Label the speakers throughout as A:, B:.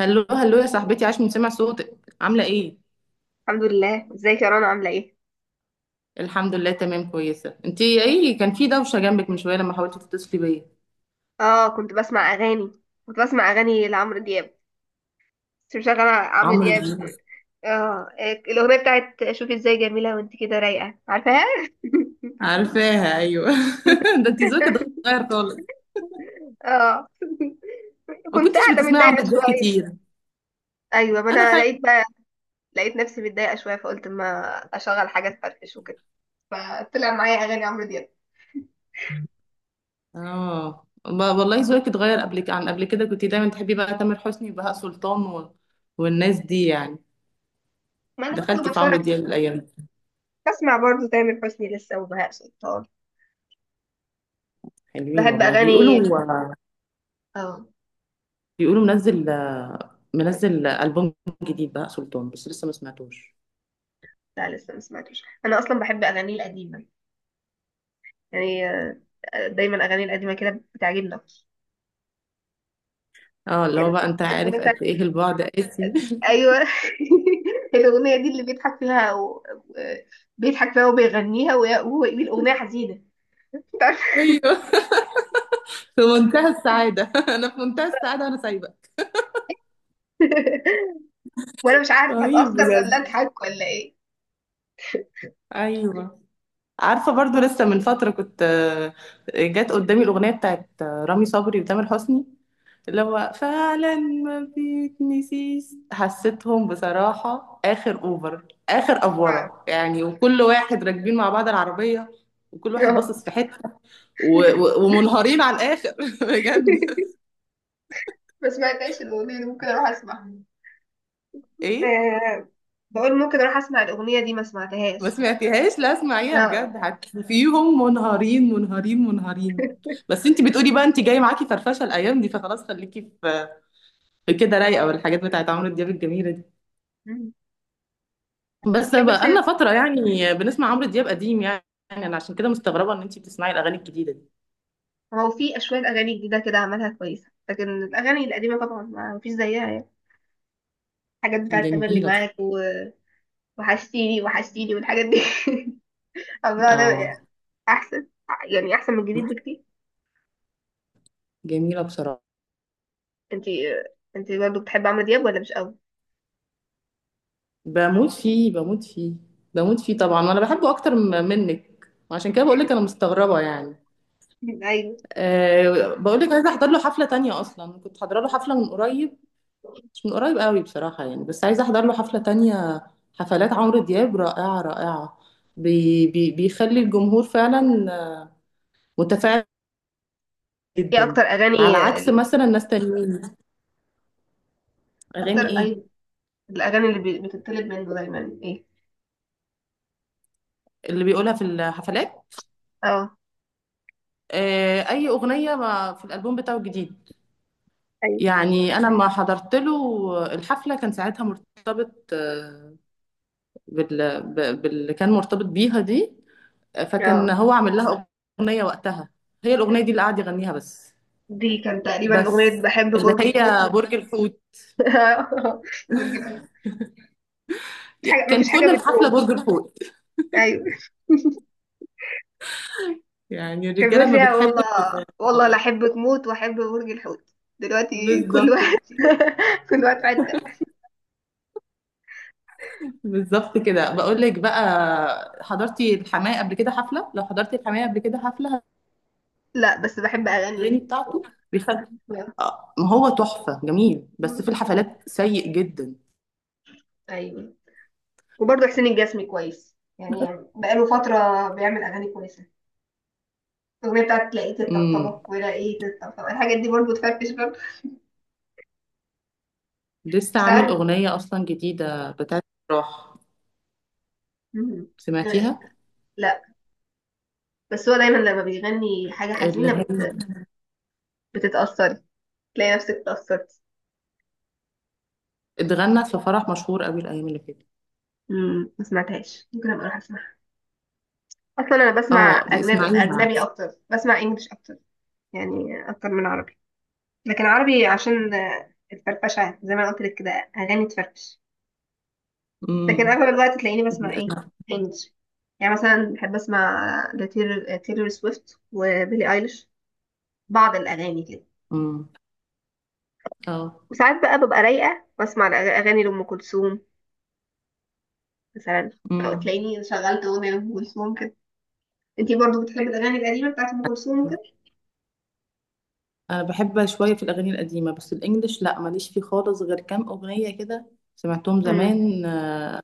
A: هلو هلو يا صاحبتي، عاش من سمع صوتك، عامله ايه؟
B: الحمد لله. ازيك يا رنا؟ عامله ايه؟
A: الحمد لله تمام كويسه. انت ايه كان في دوشه جنبك من شويه لما حاولتي تتصلي بيا؟
B: اه، كنت بسمع اغاني لعمرو دياب. كنت مشغله عمرو
A: عمرو
B: دياب.
A: دياب.
B: اه، إيه، الاغنيه بتاعت شوفي ازاي، جميله وانت كده رايقه، عارفاها؟
A: عارفاها ايوه. ده انت ذوقك اتغير خالص.
B: اه،
A: ما
B: كنت
A: كنتش
B: قاعده
A: بتسمعي
B: متضايقه
A: عمرو دياب
B: شويه.
A: كتير.
B: ايوه، ما
A: انا
B: انا
A: فاكره.
B: لقيت بقى. لقيت نفسي متضايقه شويه، فقلت ما اشغل حاجه تفرفش وكده. فطلع معايا اغاني عمرو دياب.
A: اه والله ذوقك اتغير. عن قبل كده كنت دايما تحبي بقى تامر حسني وبهاء سلطان و... والناس دي يعني.
B: ما انا برضه
A: دخلتي في عمرو
B: بتفرج.
A: دياب الايام دي؟
B: بسمع برضه تامر حسني لسه وبهاء سلطان.
A: حلوين
B: بحب
A: والله،
B: اغاني.
A: بيقولوا.
B: اه.
A: بيقولوا منزل البوم جديد بهاء سلطان، بس لسه ما سمعتوش.
B: لا، لسه ما سمعتوش. انا اصلا بحب اغانيه القديمه، يعني دايما اغاني القديمه كده بتعجبني اكتر.
A: اه اللي هو
B: كان.
A: بقى، انت
B: الاغنيه
A: عارف
B: بتاعت.
A: قد ايه البعد قاسي.
B: ايوه. الاغنيه دي اللي بيضحك فيها آه، بيضحك فيها وبيغنيها، وهو يقول اغنيه حزينه. مش عارفة-
A: ايوه. في منتهى السعادة. انا في منتهى السعادة وانا سايبة.
B: وانا مش عارفه
A: رهيب
B: اتاثر ولا
A: بجد.
B: اضحك ولا ايه.
A: ايوه. عارفة برضو، لسه من فترة كنت جت قدامي الأغنية بتاعت رامي صبري وتامر حسني، اللي هو فعلا ما بيتنسيش. حسيتهم بصراحة آخر أوفر، آخر
B: مش عارفة.
A: أفورة يعني، وكل واحد راكبين مع بعض العربية، وكل واحد
B: آه.
A: باصص في حتة، ومنهارين على الآخر. بجد.
B: ما سمعتهاش الاغنيه دي، ممكن اروح اسمعها.
A: إيه؟
B: آه، بقول ممكن اروح اسمع الاغنيه دي ما
A: ما
B: سمعتهاش.
A: سمعتيهاش؟ لا اسمعيها بجد،
B: آه.
A: هتشوفيهم منهارين منهارين منهارين. بس انت بتقولي بقى انت جاي معاكي فرفشه الايام دي، فخلاص خليكي في كده رايقه، والحاجات بتاعت عمرو دياب الجميله دي. بس
B: بتحب
A: بقى لنا
B: حسين؟
A: فتره يعني بنسمع عمرو دياب قديم يعني. انا عشان كده مستغربه ان انت بتسمعي الاغاني الجديده دي.
B: هو في شوية أغاني جديدة كده عملها كويسة، لكن الأغاني القديمة طبعا ما مفيش زيها يعني. حاجات بتاعة تملي
A: جميله
B: معاك وحشتيني وحشتيني والحاجات دي. عمرها
A: اه
B: ده أحسن، يعني أحسن من الجديد بكتير.
A: جميله بصراحه.
B: انتي انتي برضه بتحبي عمرو دياب ولا مش قوي؟
A: بموت فيه، بموت فيه، بموت فيه
B: مم.
A: طبعا، وانا بحبه اكتر منك. وعشان كده بقول لك انا مستغربه يعني.
B: أيوه.
A: أه بقول لك عايزه احضر له حفله تانية. اصلا كنت حاضره له حفله من قريب، مش من قريب قوي بصراحه يعني، بس عايزه احضر له حفله تانية. حفلات عمرو دياب رائعه رائعه. بي بي بيخلي الجمهور فعلا آه، متفاعل
B: ايه
A: جدا،
B: أكتر
A: على
B: أغاني؟
A: عكس مثلا ناس تانيين.
B: أكتر،
A: اغاني ايه
B: أيوه. الأغاني بتطلب منه دايما ايه؟
A: اللي بيقولها في الحفلات؟
B: اه.
A: أه اي اغنيه ما في الالبوم بتاعه الجديد
B: أيوة.
A: يعني. انا ما حضرت له الحفله، كان ساعتها مرتبط باللي كان مرتبط بيها دي، فكان
B: اه،
A: هو عامل لها أغنية وقتها، هي الأغنية دي اللي قعد يغنيها بس.
B: دي كان تقريبا
A: بس
B: أغنية بحب
A: اللي
B: برج الحوت.
A: هي برج الحوت.
B: برج الحوت. مفيش حاجة
A: كان
B: مفيش حاجة
A: كل الحفلة
B: بتدوم.
A: برج الحوت.
B: أيوه.
A: يعني
B: كان بيقول
A: الرجالة ما
B: فيها
A: بتحب.
B: والله، والله لا احبك موت واحب برج الحوت. دلوقتي كل
A: بالظبط.
B: واحد. كل واحد في حته.
A: بالظبط كده بقول لك بقى. حضرتي الحماية قبل كده حفلة؟ لو حضرتي الحماية قبل كده حفلة،
B: لا، بس بحب
A: الأغاني
B: اغاني.
A: بتاعته بيخلي ما هو تحفة جميل، بس في الحفلات سيء جدا.
B: ايوه. وبرضه حسين الجسمي كويس يعني، بقاله فتره بيعمل اغاني كويسه. الاغنيه بتاعت لقيت الطبطبه
A: امم
B: ولقيت الطبطبه، الحاجات دي برضه تفرفش برضه.
A: لسه عامل
B: وساعات.
A: أغنية أصلا جديدة بتاعت راح،
B: مم.
A: سمعتيها؟
B: لا، بس هو دايما لما بيغني حاجه حزينه
A: اللي
B: بتتاثري. تلاقي نفسك اتاثرتي.
A: اتغنت في فرح مشهور قوي الايام اللي فاتت.
B: مم، ما سمعتهاش، ممكن ابقى اروح. اصلا انا بسمع
A: اه
B: اجنبي،
A: بيسمعيها.
B: اجنبي اكتر. بسمع انجليش اكتر يعني، اكتر من عربي. لكن عربي عشان الفرفشه، زي ما أنا قلت لك كده، اغاني تفرفش. لكن
A: امم
B: اغلب الوقت تلاقيني بسمع ايه؟ انجليش. يعني مثلا بحب اسمع تيلور سويفت وبيلي ايليش، بعض الاغاني كده.
A: امم اه
B: وساعات بقى ببقى رايقه، بسمع اغاني لام كلثوم مثلا. أو
A: امم
B: تلاقيني شغلت اغنيه لام كلثوم كده. انتي برضو بتحبي الاغاني القديمه بتاعت ام كلثوم وكده؟
A: انا بحب شويه في الاغاني القديمه، بس الانجليش لا، ماليش فيه خالص غير كام اغنيه كده. سمعتهم
B: امم.
A: زمان.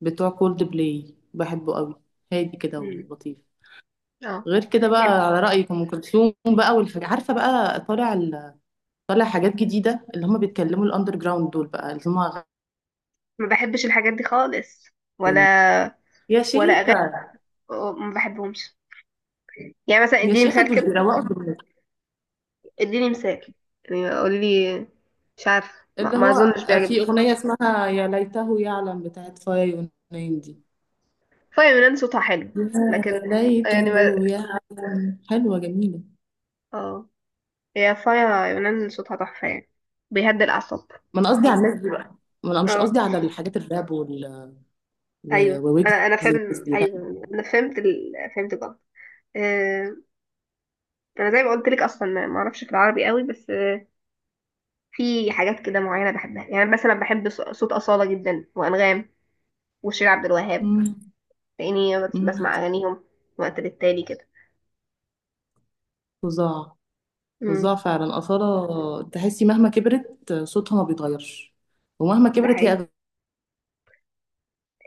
A: بتوع كولد بلاي بحبه قوي، هادي كده
B: امم.
A: ولطيف.
B: اه.
A: غير كده
B: يعني
A: بقى، على رايك ام كلثوم بقى والحاجة، عارفه بقى طالع طالع حاجات جديده اللي هم بيتكلموا الاندر جراوند دول بقى اللي هم،
B: ما بحبش الحاجات دي خالص. ولا
A: يا
B: ولا
A: شيخه.
B: اغاني، أو- ما بحبهمش. يعني مثلا
A: يا
B: اديني
A: شيخه
B: مثال
A: دول
B: كده،
A: بيروقوا.
B: اديني مثال. يعني قولي لي. مش عارفه، ما,
A: اللي
B: ما
A: هو
B: اظنش بيعجبني.
A: في أغنية اسمها يا ليته يعلم بتاعت فاي ونايم دي.
B: فايا يونان صوتها حلو،
A: يا
B: لكن
A: ليته
B: يعني ما...
A: يعلم، حلوة جميلة.
B: اه. هي فايا يونان صوتها تحفه يعني، بيهدي الاعصاب.
A: ما أنا قصدي على الناس دي بقى، ما أنا مش قصدي
B: اه،
A: على الحاجات الراب وال...
B: ايوه،
A: وويجز
B: انا
A: والناس
B: فاهم،
A: دي لا.
B: ايوه، انا فهمت فهمت غلط. آه، انا زي ما قلت لك اصلا ما ما اعرفش في العربي قوي، بس في حاجات كده معينه بحبها. يعني مثلا بحب صوت اصاله جدا وانغام وشير عبد الوهاب،
A: أمم،
B: لاني
A: أمم،
B: بسمع اغانيهم وقت للتالي كده.
A: فظاع. فظاع
B: امم.
A: فعلا. أصالة تحسي مهما كبرت صوتها ما بيتغيرش، ومهما
B: ده
A: كبرت هي
B: حقيقي.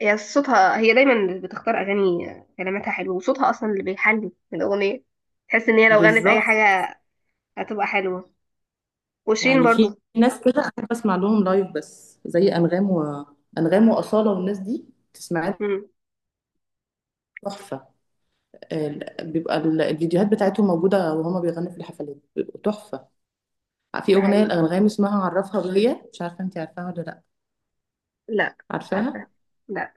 B: هي صوتها، هي دايما بتختار اغاني كلماتها حلوه، وصوتها اصلا اللي بيحلي الاغنيه. تحس ان هي لو غنت اي
A: بالظبط.
B: حاجه هتبقى حلوه. وشيرين
A: يعني في
B: برضو.
A: ناس كده أحب أسمع لهم لايف، بس زي أنغام وأصالة والناس دي، تسمعها
B: امم.
A: تحفة. بيبقى الفيديوهات بتاعتهم موجودة وهما بيغنوا في الحفلات بيبقوا تحفة. في
B: ده
A: أغنية
B: حقيقي.
A: الأنغام اسمها عرفها بيا، مش عارفة أنت عارفاها ولا لأ؟
B: لا. مش عارفه.
A: عارفاها؟
B: لا.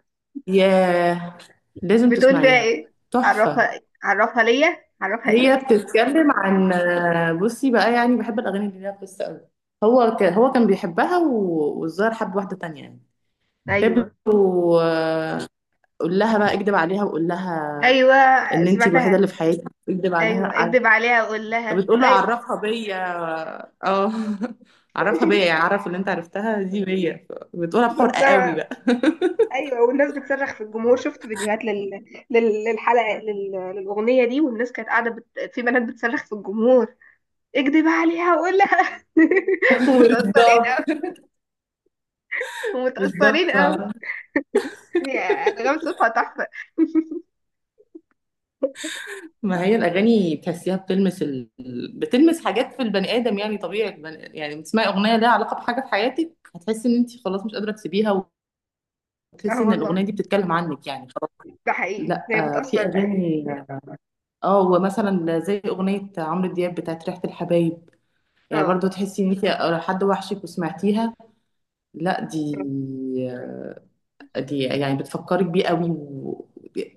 A: ياه، لازم
B: بتقول فيها
A: تسمعيها،
B: ايه؟
A: تحفة.
B: عرفها، عرفها ليا، عرفها ايه؟
A: هي بتتكلم عن، بصي بقى، يعني بحب الأغاني اللي ليها قصة أوي. هو كان بيحبها، والظاهر حب واحدة تانية يعني.
B: ايوه.
A: فبيقول، قول لها بقى اكدب عليها وقول لها
B: ايوه،
A: ان انت الوحيده
B: سمعتها.
A: اللي في حياتي. اكدب
B: ايوه،
A: عليها.
B: اكدب عليها وقول لها،
A: فبتقول له
B: ايوه.
A: عرفها بيا. اه. عرفها بيا، يعني عرف اللي انت عرفتها دي بيا. بتقولها
B: كنت
A: بحرقة قوي
B: سامعة.
A: بقى.
B: ايوه، والناس بتصرخ في الجمهور. شفت فيديوهات للاغنيه دي، والناس كانت قاعده في بنات بتصرخ في الجمهور: اكدب عليها وقول لها. ومتاثرين،
A: بالظبط.
B: ومتاثرين
A: بالظبط.
B: قوي. هي انغام صوتها تحفه.
A: ما هي الاغاني بتحسيها بتلمس حاجات في البني ادم، يعني طبيعي البني... يعني بتسمعي اغنيه ليها علاقه بحاجه في حياتك، هتحسي ان انت خلاص مش قادره تسيبيها،
B: اه
A: وتحسي ان
B: والله،
A: الاغنيه دي بتتكلم عنك يعني خلاص.
B: ده حقيقي،
A: لا
B: هي
A: في
B: بتاثر بقى.
A: اغاني. اه ومثلا زي اغنيه عمرو دياب بتاعت ريحه الحبايب، يعني
B: اه،
A: برضو تحسي ان انت حد وحشك، وسمعتيها. لا دي يعني بتفكرك بيه قوي.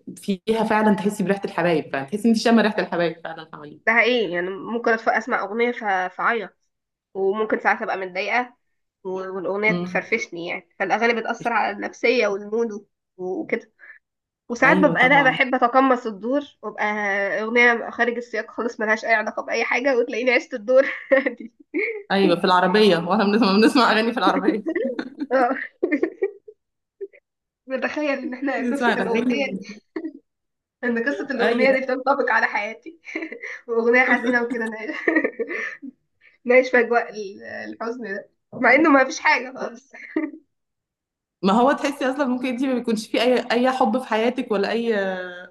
A: وفيها فعلا تحسي بريحة الحبايب، فعلا تحسي ان انت شامة ريحة الحبايب فعلا
B: ده
A: حواليك.
B: حقيقي. يعني ممكن اسمع اغنيه فاعيط. وممكن ساعات ابقى متضايقه و- والاغنيه
A: مم.
B: تفرفشني، يعني فالاغاني بتاثر على النفسيه والمود وكده. وساعات
A: ايوه
B: ببقى انا
A: طبعا.
B: بحب اتقمص الدور، وابقى اغنيه خارج السياق خالص، ملهاش اي علاقه باي حاجه، وتلاقيني عشت الدور. دي،
A: ايوه في العربية، واحنا بنسمع اغاني في العربية.
B: اه، بتخيل ان احنا قصه
A: بنسمع
B: الاغنيه دي،
A: الاغاني.
B: ان قصه الاغنيه
A: ايوه.
B: دي بتنطبق على حياتي واغنيه حزينه وكده، نعيش. نعيش في اجواء الحزن ده، مع انه ما فيش حاجه خالص.
A: ما هو تحسي اصلا ممكن انت ما بيكونش في اي حب في حياتك، ولا اي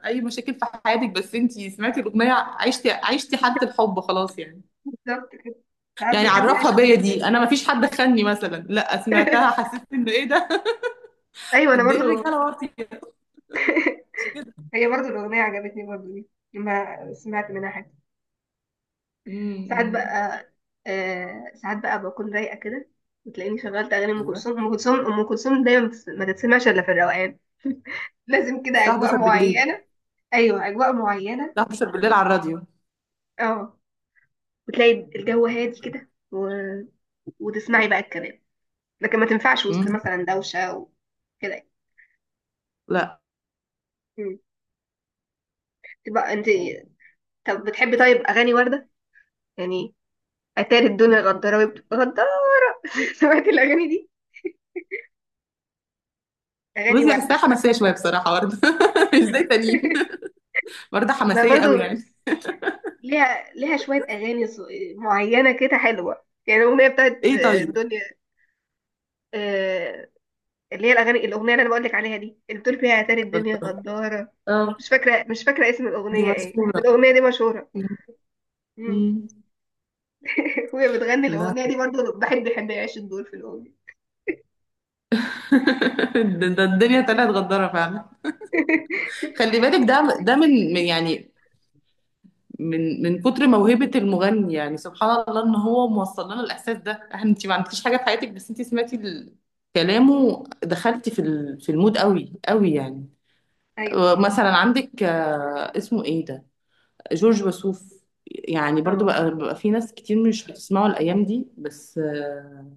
A: اي مشاكل في حياتك، بس انت سمعتي الاغنية، عشتي حالة الحب خلاص يعني.
B: بالظبط كده. ساعات
A: يعني
B: بنحب
A: عرفها
B: نعيش
A: بيا
B: الدور.
A: دي، انا ما فيش حد خاني مثلا، لا سمعتها حسيت انه ايه ده،
B: ايوه، انا
A: قد ايه
B: برضو.
A: الرجاله واطيه. مش كده؟
B: هي برضو الاغنيه عجبتني برضو دي، لما سمعت منها حاجه. ساعات
A: امم
B: بقى، آه، ساعات بقى بكون رايقه كده، وتلاقيني شغلت اغاني ام
A: ايوه.
B: كلثوم. ام كلثوم ام كلثوم دايما ما تتسمعش الا في الروقان. لازم كده
A: الساعه
B: اجواء
A: 11 بالليل.
B: معينه. ايوه، اجواء معينه.
A: الساعه 11 بالليل على الراديو.
B: اه. وتلاقي الجو هادي كده وتسمعي بقى الكلام. لكن ما تنفعش وسط
A: امم
B: مثلا دوشه وكده.
A: لا.
B: مم. تبقى انت. طب بتحبي طيب اغاني ورده؟ يعني اتاري الدنيا غداره غداره. سمعتي الاغاني دي؟ اغاني
A: بصي
B: ورده
A: الساعه
B: اسمها.
A: حماسيه شويه بصراحه برضه. مش زي تانيين، برضه
B: ما
A: حماسيه
B: برضو
A: قوي يعني.
B: ليها، ليها شوية أغاني معينة كده حلوة. يعني الأغنية بتاعت
A: ايه طيب.
B: الدنيا، آه، اللي هي الأغنية اللي أنا بقولك عليها دي، اللي بتقول فيها يا تاري الدنيا
A: اتفضل.
B: غدارة.
A: اه.
B: مش فاكرة. مش فاكرة اسم
A: دي
B: الأغنية ايه، بس
A: مشهوره.
B: الأغنية دي مشهورة.
A: مم.
B: مم.
A: مم.
B: وهي بتغني
A: لا.
B: الأغنية دي برضه، الواحد بيحب يعيش الدور في الأغنية.
A: ده الدنيا طلعت غداره فعلا. خلي بالك، ده يعني، من كتر موهبة المغني، يعني سبحان الله ان هو موصل لنا الاحساس ده، احنا انت ما عملتيش حاجة في حياتك، بس انت سمعتي كلامه، دخلتي في في المود قوي قوي يعني.
B: أيوه.
A: مثلا عندك اسمه ايه ده، جورج وسوف. يعني برضو
B: اه.
A: بقى في ناس كتير مش بتسمعه الايام دي، بس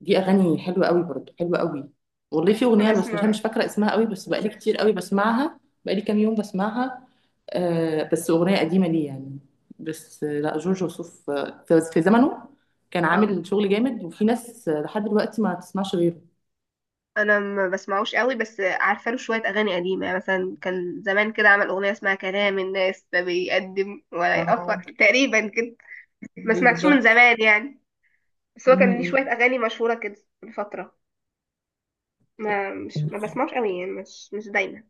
A: دي اغاني حلوه قوي، برضه حلوه قوي. والله في اغنيه، بس مش
B: بسمع.
A: مش فاكره اسمها قوي، بس بقالي كتير قوي بسمعها. بقالي كام يوم بسمعها. آه، بس اغنيه قديمه ليه يعني. بس لا، جورج وسوف في زمنه كان
B: اه،
A: عامل شغل جامد، وفي ناس لحد دلوقتي ما تسمعش غيره.
B: أنا ما بسمعوش قوي، بس عارفة له شوية أغاني قديمة. يعني مثلا كان زمان كده عمل أغنية اسمها كلام الناس لا بيقدم ولا يأخر
A: آه.
B: تقريبا كده. ما سمعتش من
A: بالظبط.
B: زمان يعني. بس
A: م-
B: هو كان ليه
A: م.
B: شوية أغاني مشهورة كده من فترة. ما بسمعوش قوي يعني، مش دايما.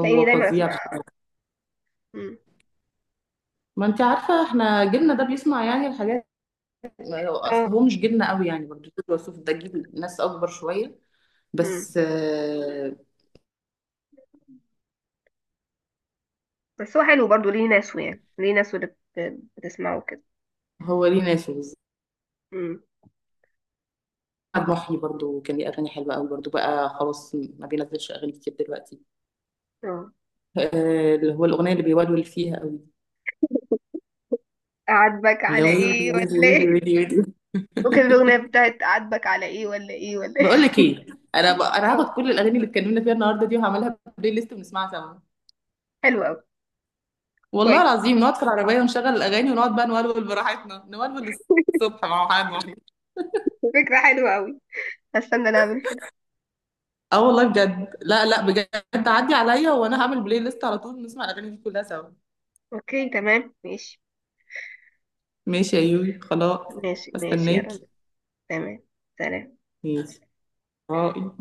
B: تلاقيني دايما
A: فظيع.
B: أسمع. مم.
A: ما انت عارفه احنا جيلنا ده بيسمع يعني الحاجات. اصل هو
B: اه.
A: مش جيلنا قوي يعني برضه، جورج وسوف ده جيل ناس اكبر شويه
B: مم.
A: بس آه.
B: بس هو حلو برضه، ليه ناس، يعني ليه ناس اللي بتسمعه كده.
A: هو ليه ناسه.
B: مم.
A: احمد محي برضو كان ليه اغاني حلوه قوي برضو بقى، خلاص ما بينزلش اغاني كتير دلوقتي.
B: اه.
A: اللي هو الاغنيه اللي بيولول فيها قوي،
B: أعاتبك
A: يا
B: على
A: ويلي
B: إيه
A: ويلي
B: ولا
A: ويلي
B: إيه.
A: ويلي ويلي.
B: وكده الأغنية بتاعت أعاتبك على إيه ولا إيه ولا إيه.
A: بقول لك ايه؟ انا
B: اه.
A: هاخد كل الاغاني اللي اتكلمنا فيها النهارده دي، وهعملها بلاي ليست ونسمعها سوا.
B: حلو أوي.
A: والله
B: كويس.
A: العظيم نقعد في العربيه ونشغل الاغاني ونقعد بقى نولول براحتنا، نولول الصبح مع حد واحد.
B: فكرة حلوة أوي. هستنى نعمل كده.
A: اه والله بجد، لا لا بجد عدي عليا وانا هعمل بلاي ليست على طول، نسمع الاغاني دي كلها سوا.
B: أوكي تمام. ماشي.
A: ماشي يا يوي خلاص.
B: ماشي ماشي يا رنا.
A: استناكي.
B: تمام. سلام.
A: ماشي. اه.